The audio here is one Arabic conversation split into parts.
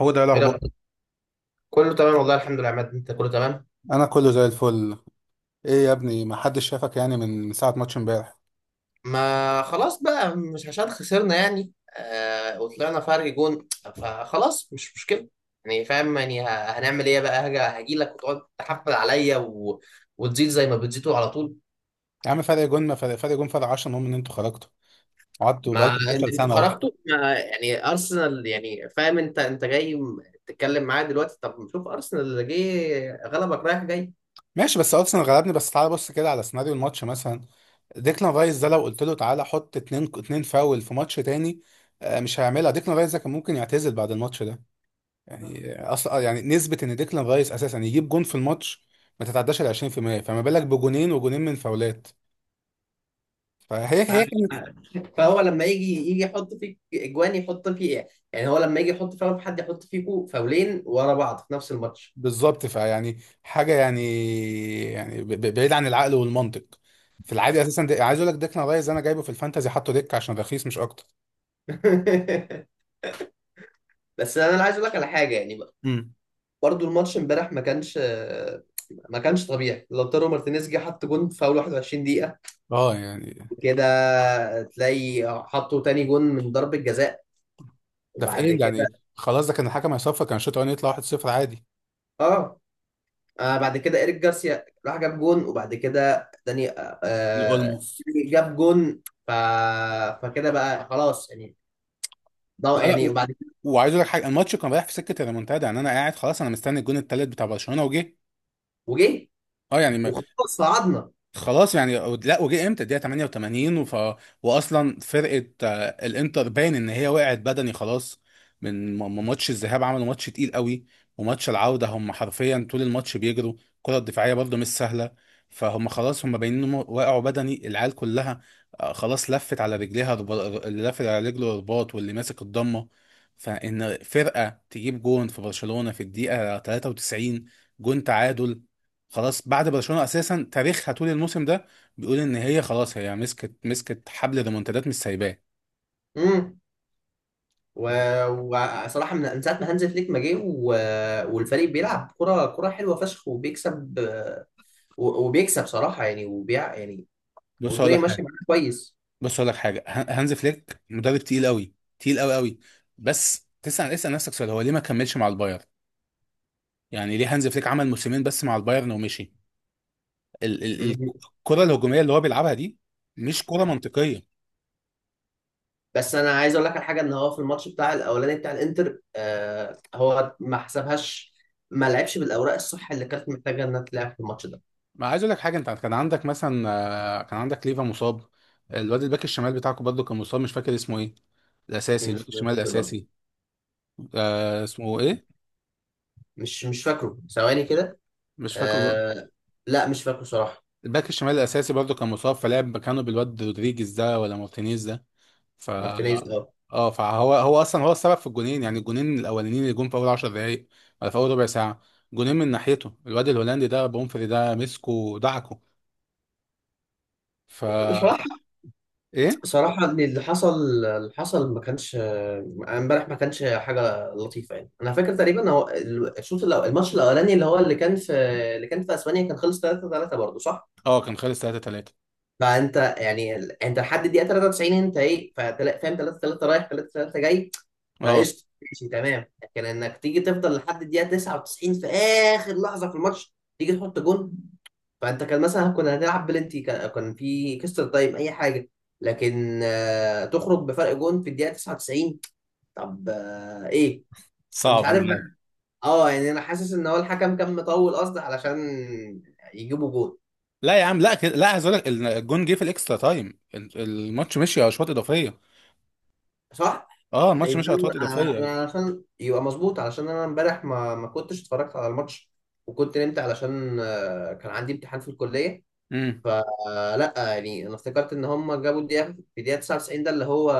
هو ده ايه الاخبار. رأيك؟ كله تمام، والله الحمد لله يا عماد، انت كله تمام؟ انا كله زي الفل. ايه يا ابني؟ ما حدش شافك يعني من ساعه ماتش امبارح. ما خلاص بقى، مش عشان خسرنا يعني. آه، وطلعنا فرق جون، فخلاص مش مشكلة، يعني فاهم يعني، هنعمل ايه بقى؟ هاجي لك وتقعد تحفل عليا وتزيد زي ما بتزيدوا على طول. يا عم فرق جون ما فرق جون فرق 10، المهم ان انتوا خرجتوا، قعدتوا ما بقالكم 12 انتوا سنه اهو. خرجتوا، ما يعني ارسنال، يعني فاهم، انت جاي تتكلم معايا دلوقتي؟ طب شوف ارسنال اللي جه غلبك رايح جاي. ماشي، بس ارسنال غلبني، بس تعالى بص كده على سيناريو الماتش مثلا. ديكلان رايس ده لو قلت له تعالى حط اتنين اتنين فاول في ماتش تاني، مش هيعملها. ديكلان رايس ده كان ممكن يعتزل بعد الماتش ده. يعني اصلا يعني نسبه ان ديكلان رايس اساسا يجيب جون في الماتش ما تتعداش ال 20%، فما بالك بجونين وجونين من فاولات. فهي آه، هي كانت. فهو لما يجي يحط فيك اجوان، يحط فيه ايه؟ يعني هو لما يجي يحط فعلا في حد، يحط فيكو فاولين ورا بعض في نفس الماتش. بالظبط، فيعني حاجه يعني، يعني بعيد عن العقل والمنطق. في العادي اساسا ده عايز اقول لك ديك رايز انا جايبه في الفانتازي، حاطه ديك عشان رخيص مش اكتر. بس انا عايز اقول لك على حاجه يعني بقى. امم. برضو الماتش امبارح ما كانش ما كانش طبيعي. لوتارو مارتينيز جه حط جون في اول 21 دقيقه، اه يعني كده تلاقي حطوا تاني جون من ضربه جزاء، ده في وبعد ايه كده يعني؟ خلاص، ده كان الحكم هيصفر، كان الشوط الاولاني يطلع 1-0 عادي. اه بعد كده إيريك جارسيا راح جاب جون، وبعد كده داني، اولموس. جاب جون. ف... فكده بقى خلاص يعني، لا ده لا، يعني وبعد كده وعايز اقول لك حاجه، الماتش كان رايح في سكه الريمونتادا، يعني انا قاعد خلاص انا مستني الجون التالت بتاع برشلونه وجه. وجه، اه يعني. وخلاص صعدنا. خلاص يعني، لا، وجه امتى؟ الدقيقه 88. واصلا فرقه الانتر باين ان هي وقعت بدني خلاص. من ماتش الذهاب عملوا ماتش تقيل قوي، وماتش العوده هم حرفيا طول الماتش بيجروا الكره الدفاعيه، برضه مش سهله. فهم خلاص هم باينين انهم وقعوا بدني، العيال كلها خلاص لفت على رجليها، اللي لافت على رجله رباط واللي ماسك الضمه. فان فرقه تجيب جون في برشلونه في الدقيقه 93، جون تعادل، خلاص. بعد برشلونة اساسا تاريخها طول الموسم ده بيقول ان هي خلاص هي مسكت مسكت حبل ريمونتادات مش سايباه. امم و... وصراحة، من ساعة ما هانز فليك ما جه، والفريق بيلعب كرة حلوة فشخ وبيكسب، وبيكسب صراحة يعني، يعني بص هقول والدنيا لك ماشية حاجه معاه كويس. بص هقول لك حاجه، هانز فليك مدرب تقيل قوي، تقيل قوي قوي. بس تسال، اسال نفسك سؤال، هو ليه ما كملش مع البايرن؟ يعني ليه هانز فليك عمل موسمين بس مع البايرن ومشي؟ ال ال ال- الكره الهجوميه اللي هو بيلعبها دي مش كره منطقيه. بس انا عايز اقول لك على حاجه، ان هو في الماتش بتاع الاولاني بتاع الانتر، هو ما حسبهاش، ما لعبش بالاوراق الصح اللي كانت محتاجه انها تلعب في الماتش ده. ما عايز اقول لك حاجه، انت كان عندك مثلا كان عندك ليفا مصاب، الواد الباك الشمال بتاعكم برضه كان مصاب، مش فاكر اسمه ايه، الاساسي، مش الباك فاكر الشمال برضه. الاساسي. آه اسمه ايه؟ مش فاكره، ثواني كده. مش فاكر. آه. لا مش فاكره صراحه. الباك الشمال الاساسي برضه كان مصاب، فلعب مكانه بالواد رودريجيز ده ولا مارتينيز ده. ف مارتينيز، اه. اه، فهو اصلا هو السبب في الجونين، يعني الجونين الاولانيين اللي جم في اول 10 دقائق ولا في اول ربع ساعه. جونين من ناحيته، الواد الهولندي ده بومفري ده مسكه ودعكه. ف صراحه، ايه؟ صراحه إن اللي حصل، ما كانش، امبارح ما كانش حاجه لطيفه يعني. انا فاكر تقريبا هو الماتش الاولاني اللي هو اللي كان في، اسبانيا كان خلص 3-3 برضه، صح؟ اه كان خلص 3-3. فانت يعني انت لحد الدقيقه 93، انت ايه؟ فاهم 3-3 رايح 3-3 جاي. اه فقشطه ماشي تمام، لكن انك تيجي تفضل لحد الدقيقه 99 في اخر لحظه في الماتش تيجي تحط جون. فانت كان مثلا كنا هنلعب بلنتي، كان في كسر تايم، اي حاجه، لكن تخرج بفرق جون في الدقيقه 99؟ طب ايه؟ أنا مش صعب، عارف انا بقى. عارف. اه يعني انا حاسس ان هو الحكم كان مطول قصد علشان يجيبوا جون، لا يا عم، لا كده، لا، عايز اقول لك الجون جه في الاكسترا تايم، الماتش مشي اشواط اضافيه. صح؟ اه الماتش يبقى مشي انا، اشواط اضافيه. أنا علشان يبقى مظبوط، علشان انا امبارح ما كنتش اتفرجت على الماتش، وكنت نمت علشان كان عندي امتحان في الكليه. امم. فلا يعني انا افتكرت ان هم جابوا الدقيقه في الدقيقه 99 ده اللي هو.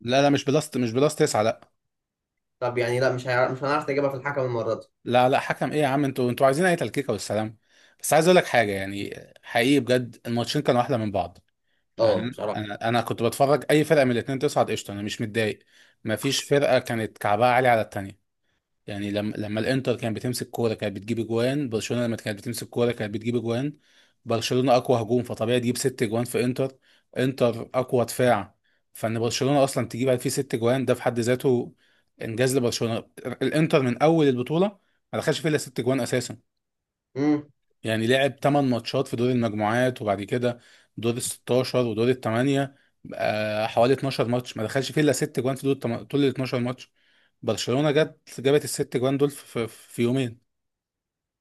لا لا، مش بلس تسعة، لا. طب يعني لا، مش هيعرف، مش هنعرف نجيبها في الحكم المره دي. لا لا، حكم ايه يا عم؟ انتوا عايزين اي تلكيكه والسلام. بس عايز اقول لك حاجه يعني، حقيقي بجد الماتشين كانوا احلى من بعض. اه يعني بصراحه. انا كنت بتفرج، اي فرقه من الاثنين تصعد قشطه، انا مش متضايق. ما فيش فرقه كانت كعبها عالي على التانيه. يعني لما الانتر كانت بتمسك كوره كانت بتجيب اجوان برشلونه، لما كانت بتمسك كوره كانت بتجيب اجوان. برشلونه اقوى هجوم، فطبيعي تجيب ست اجوان في انتر. انتر اقوى دفاع، فان برشلونه اصلا تجيب فيه ست اجوان ده في حد ذاته انجاز لبرشلونه. الانتر من اول البطوله ما دخلش فيه الا ست اجوان اساسا، امم يعني لعب 8 ماتشات في دور المجموعات، وبعد كده دور ال 16 ودور ال 8، بقى حوالي 12 ماتش ما دخلش فيه الا 6 جوان في دول طول ال 12 ماتش. برشلونة جت جابت الست جوان دول في يومين.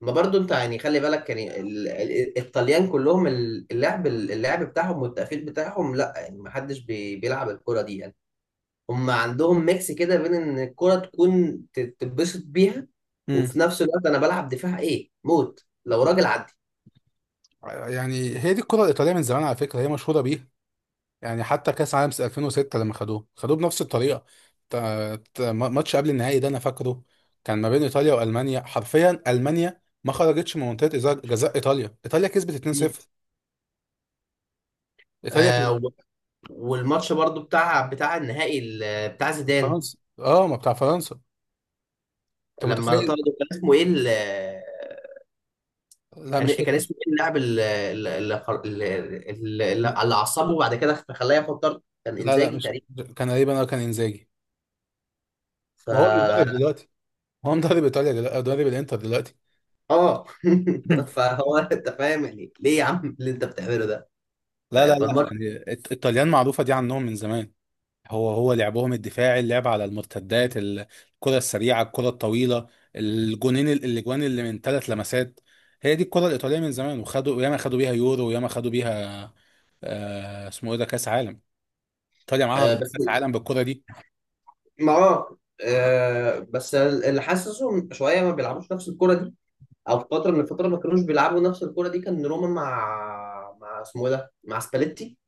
ما برضو انت يعني خلي بالك يعني، الطليان كلهم، اللعب بتاعهم والتقفيل بتاعهم لا، يعني ما حدش بيلعب الكره دي. هم عندهم ميكس كده بين ان الكرة تكون تتبسط بيها، امم. وفي نفس الوقت انا بلعب دفاع ايه، موت لو راجل عدي. يعني هي دي الكرة الإيطالية من زمان على فكرة، هي مشهورة بيه. يعني حتى كأس عالم 2006 لما خدوه خدوه بنفس الطريقة. ماتش قبل النهائي ده أنا فاكره، كان ما بين إيطاليا وألمانيا، حرفيا ألمانيا ما خرجتش من منطقة جزاء إيطاليا. إيطاليا كسبت مم. 2-0. إيطاليا. آه و- والماتش برضو بتاع النهائي بتاع زيدان، فرنسا اه، ما بتاع فرنسا. انت لما متخيل؟ طردوا، كان اسمه ايه لا مش كان فاكر. اسمه ايه اللاعب اللي عصبه وبعد كده خلاه ياخد طرد؟ كان لا لا، انزاجي مش تقريبا. كان غريبا، انا كان انزاجي، ف وهو المدرب دلوقتي، هو مدرب ايطاليا دلوقتي، مدرب الانتر دلوقتي. اه. فهو انت فاهم يعني ليه يا عم اللي انت بتعمله ده؟ لا لا لا. فالماتش، يعني الطليان معروفه دي عنهم من زمان. هو لعبهم الدفاعي، اللعب على المرتدات، الكره السريعه، الكره الطويله، الجونين الاجوان اللي من ثلاث لمسات، هي دي الكره الايطاليه من زمان، وخدوا ياما خدوا بيها يورو، وياما خدوا بيها آه اسمه ايه ده، كاس عالم. ايطاليا معاها آه، أربع بس كاس عالم بالكره دي. بس اللي حاسسهم شويه ما بيلعبوش نفس الكره دي، او في فتره من الفترات ما كانوش بيلعبوا نفس الكره دي. كان روما مع، اسمه إيه ده، مع سباليتي،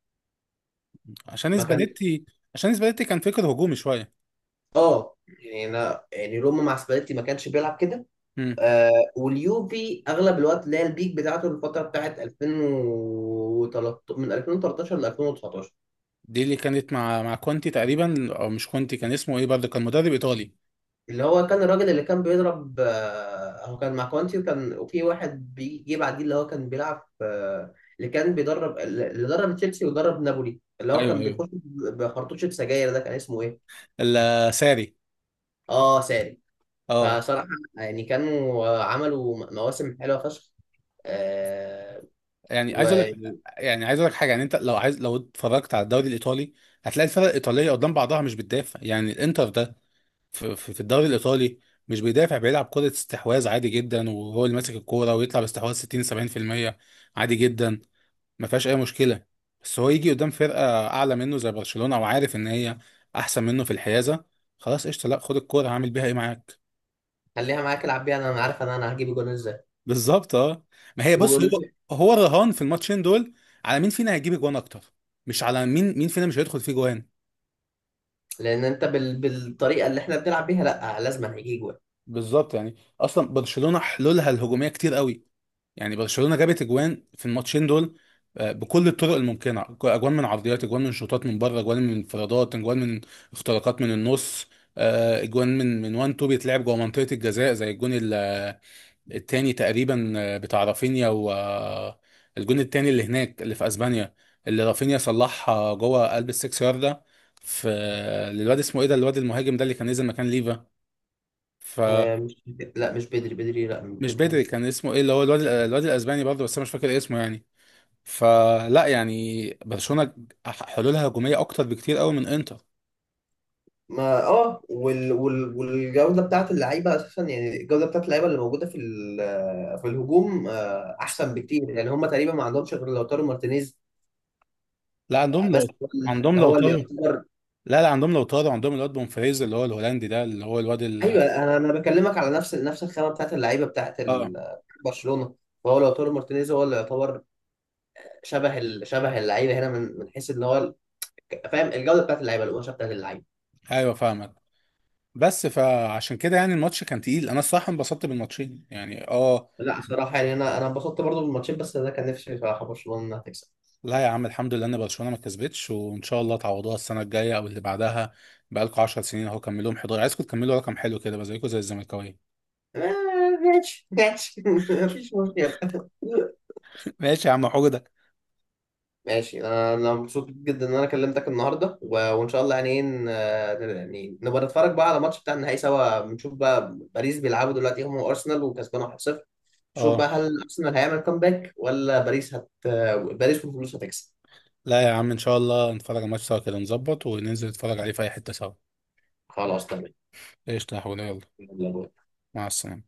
عشان ما كان سباليتي. عشان سباليتي كان فكر هجومي شويه. اه يعني. انا يعني روما مع سباليتي ما كانش بيلعب كده. امم. آه واليوفي اغلب الوقت اللي هي البيك بتاعته الفتره بتاعت 2013، من 2013 ل 2019، دي اللي كانت مع كونتي تقريبا، او مش كونتي، كان اسمه ايه برضه؟ كان مدرب ايطالي. اللي هو كان الراجل اللي كان بيضرب، هو كان مع كوانتي، وكان وفي واحد بيجي بعديه اللي هو كان بيلعب في، اللي كان بيدرب، اللي درب تشيلسي ودرب نابولي، اللي هو ايوه كان ايوه. بيخش بخرطوشة سجاير، ده كان اسمه ايه؟ الساري. اه، ساري. اه فصراحة يعني كانوا، عملوا مواسم حلوة فشخ. آه يعني وخليها عايز اقول لك حاجه، يعني انت لو عايز، لو اتفرجت على الدوري الايطالي هتلاقي الفرق الايطاليه قدام بعضها مش بتدافع. يعني الانتر ده في الدوري الايطالي مش بيدافع، بيلعب كرة استحواذ عادي جدا وهو اللي ماسك الكورة ويطلع باستحواذ 60 70% عادي جدا، ما فيهاش اي مشكله. بس هو يجي قدام فرقه اعلى منه زي برشلونه وعارف ان هي احسن منه في الحيازه، خلاص قشطه لا، خد الكوره هعمل بيها ايه معاك؟ معاك، العب بيها. انا، عارف، انا هجيب جون ازاي؟ بالظبط اه. ما هي بص هو وبيقول، هو الرهان في الماتشين دول على مين فينا هيجيب جوان اكتر، مش على مين فينا مش هيدخل فيه جوان. لان انت بالطريقة اللي احنا بنلعب بيها لا لازم هيجي جون. بالظبط، يعني اصلا برشلونه حلولها الهجوميه كتير قوي. يعني برشلونة جابت اجوان في الماتشين دول بكل الطرق الممكنة، اجوان من عرضيات، اجوان من شوطات من بره، اجوان من انفرادات، اجوان من اختراقات من النص، اجوان من وان تو بيتلعب جوه منطقة الجزاء زي الجون التاني تقريبا، بتاع رافينيا، و الجون التاني اللي هناك اللي في اسبانيا اللي رافينيا صلحها جوه قلب السكس ياردة في، للواد اسمه ايه ده، الواد المهاجم ده اللي كان نزل مكان ليفا. فمش مش، لا، مش بدري، بدري، لا بدري بدري، مش. كان اسمه ايه اللي هو الواد، الواد الاسباني برضه، بس انا مش فاكر اسمه يعني. فلا يعني برشلونة حلولها هجومية أكتر بكتير قوي من إنتر. ما اه والجوده بتاعت اللعيبه اساسا، يعني الجوده بتاعت اللعيبه اللي موجوده في في الهجوم احسن بكتير. يعني هم تقريبا ما عندهمش غير لوتارو مارتينيز، لا عندهم لو بس هو عندهم اللي، لو طاروا، يعتبر. لا لا، عندهم لو طاروا، عندهم الواد بومفريز اللي هو الهولندي ده اللي هو الواد ال. ايوه انا بكلمك على نفس الخامه بتاعت اللعيبه بتاعت اه برشلونه. فهو لوتارو مارتينيز هو اللي يعتبر شبه شبه اللعيبه هنا، من حيث ان هو فاهم الجوده بتاعت اللعيبه، القماشه بتاعت اللعيبه. ايوه فاهمك. بس فعشان كده يعني الماتش كان تقيل، انا الصراحه انبسطت بالماتشين يعني اه. لا صراحه يعني انا انبسطت برضو بالماتشين، بس ده كان نفسي بصراحه برشلونه انها تكسب. لا يا عم، الحمد لله ان برشلونه ما كسبتش، وان شاء الله تعوضوها السنه الجايه او اللي بعدها. بقالكوا 10 سنين اهو كملوهم 11، عايزكم تكملوا رقم حلو كده بقى زيكم زي الزملكاويه. آه، ماشي ماشي. مفيش مشكلة. ماشي يا عم حجدك. ماشي. انا مبسوط جدا ان انا كلمتك النهارده، وان شاء الله يعني إيه، يعني نبقى نتفرج بقى على الماتش بتاع النهائي سوا. نشوف بقى، باريس بيلعبوا دلوقتي هم وارسنال وكسبان 1-0. نشوف بقى اه. هل ارسنال هيعمل كومباك ولا باريس والفلوس هتكسب. لا يا عم، ان شاء الله نتفرج على الماتش سوا كده، نظبط وننزل نتفرج عليه في اي حتة سوا. خلاص تمام. قشطة يا حوده يلا. يلا باي. مع السلامة.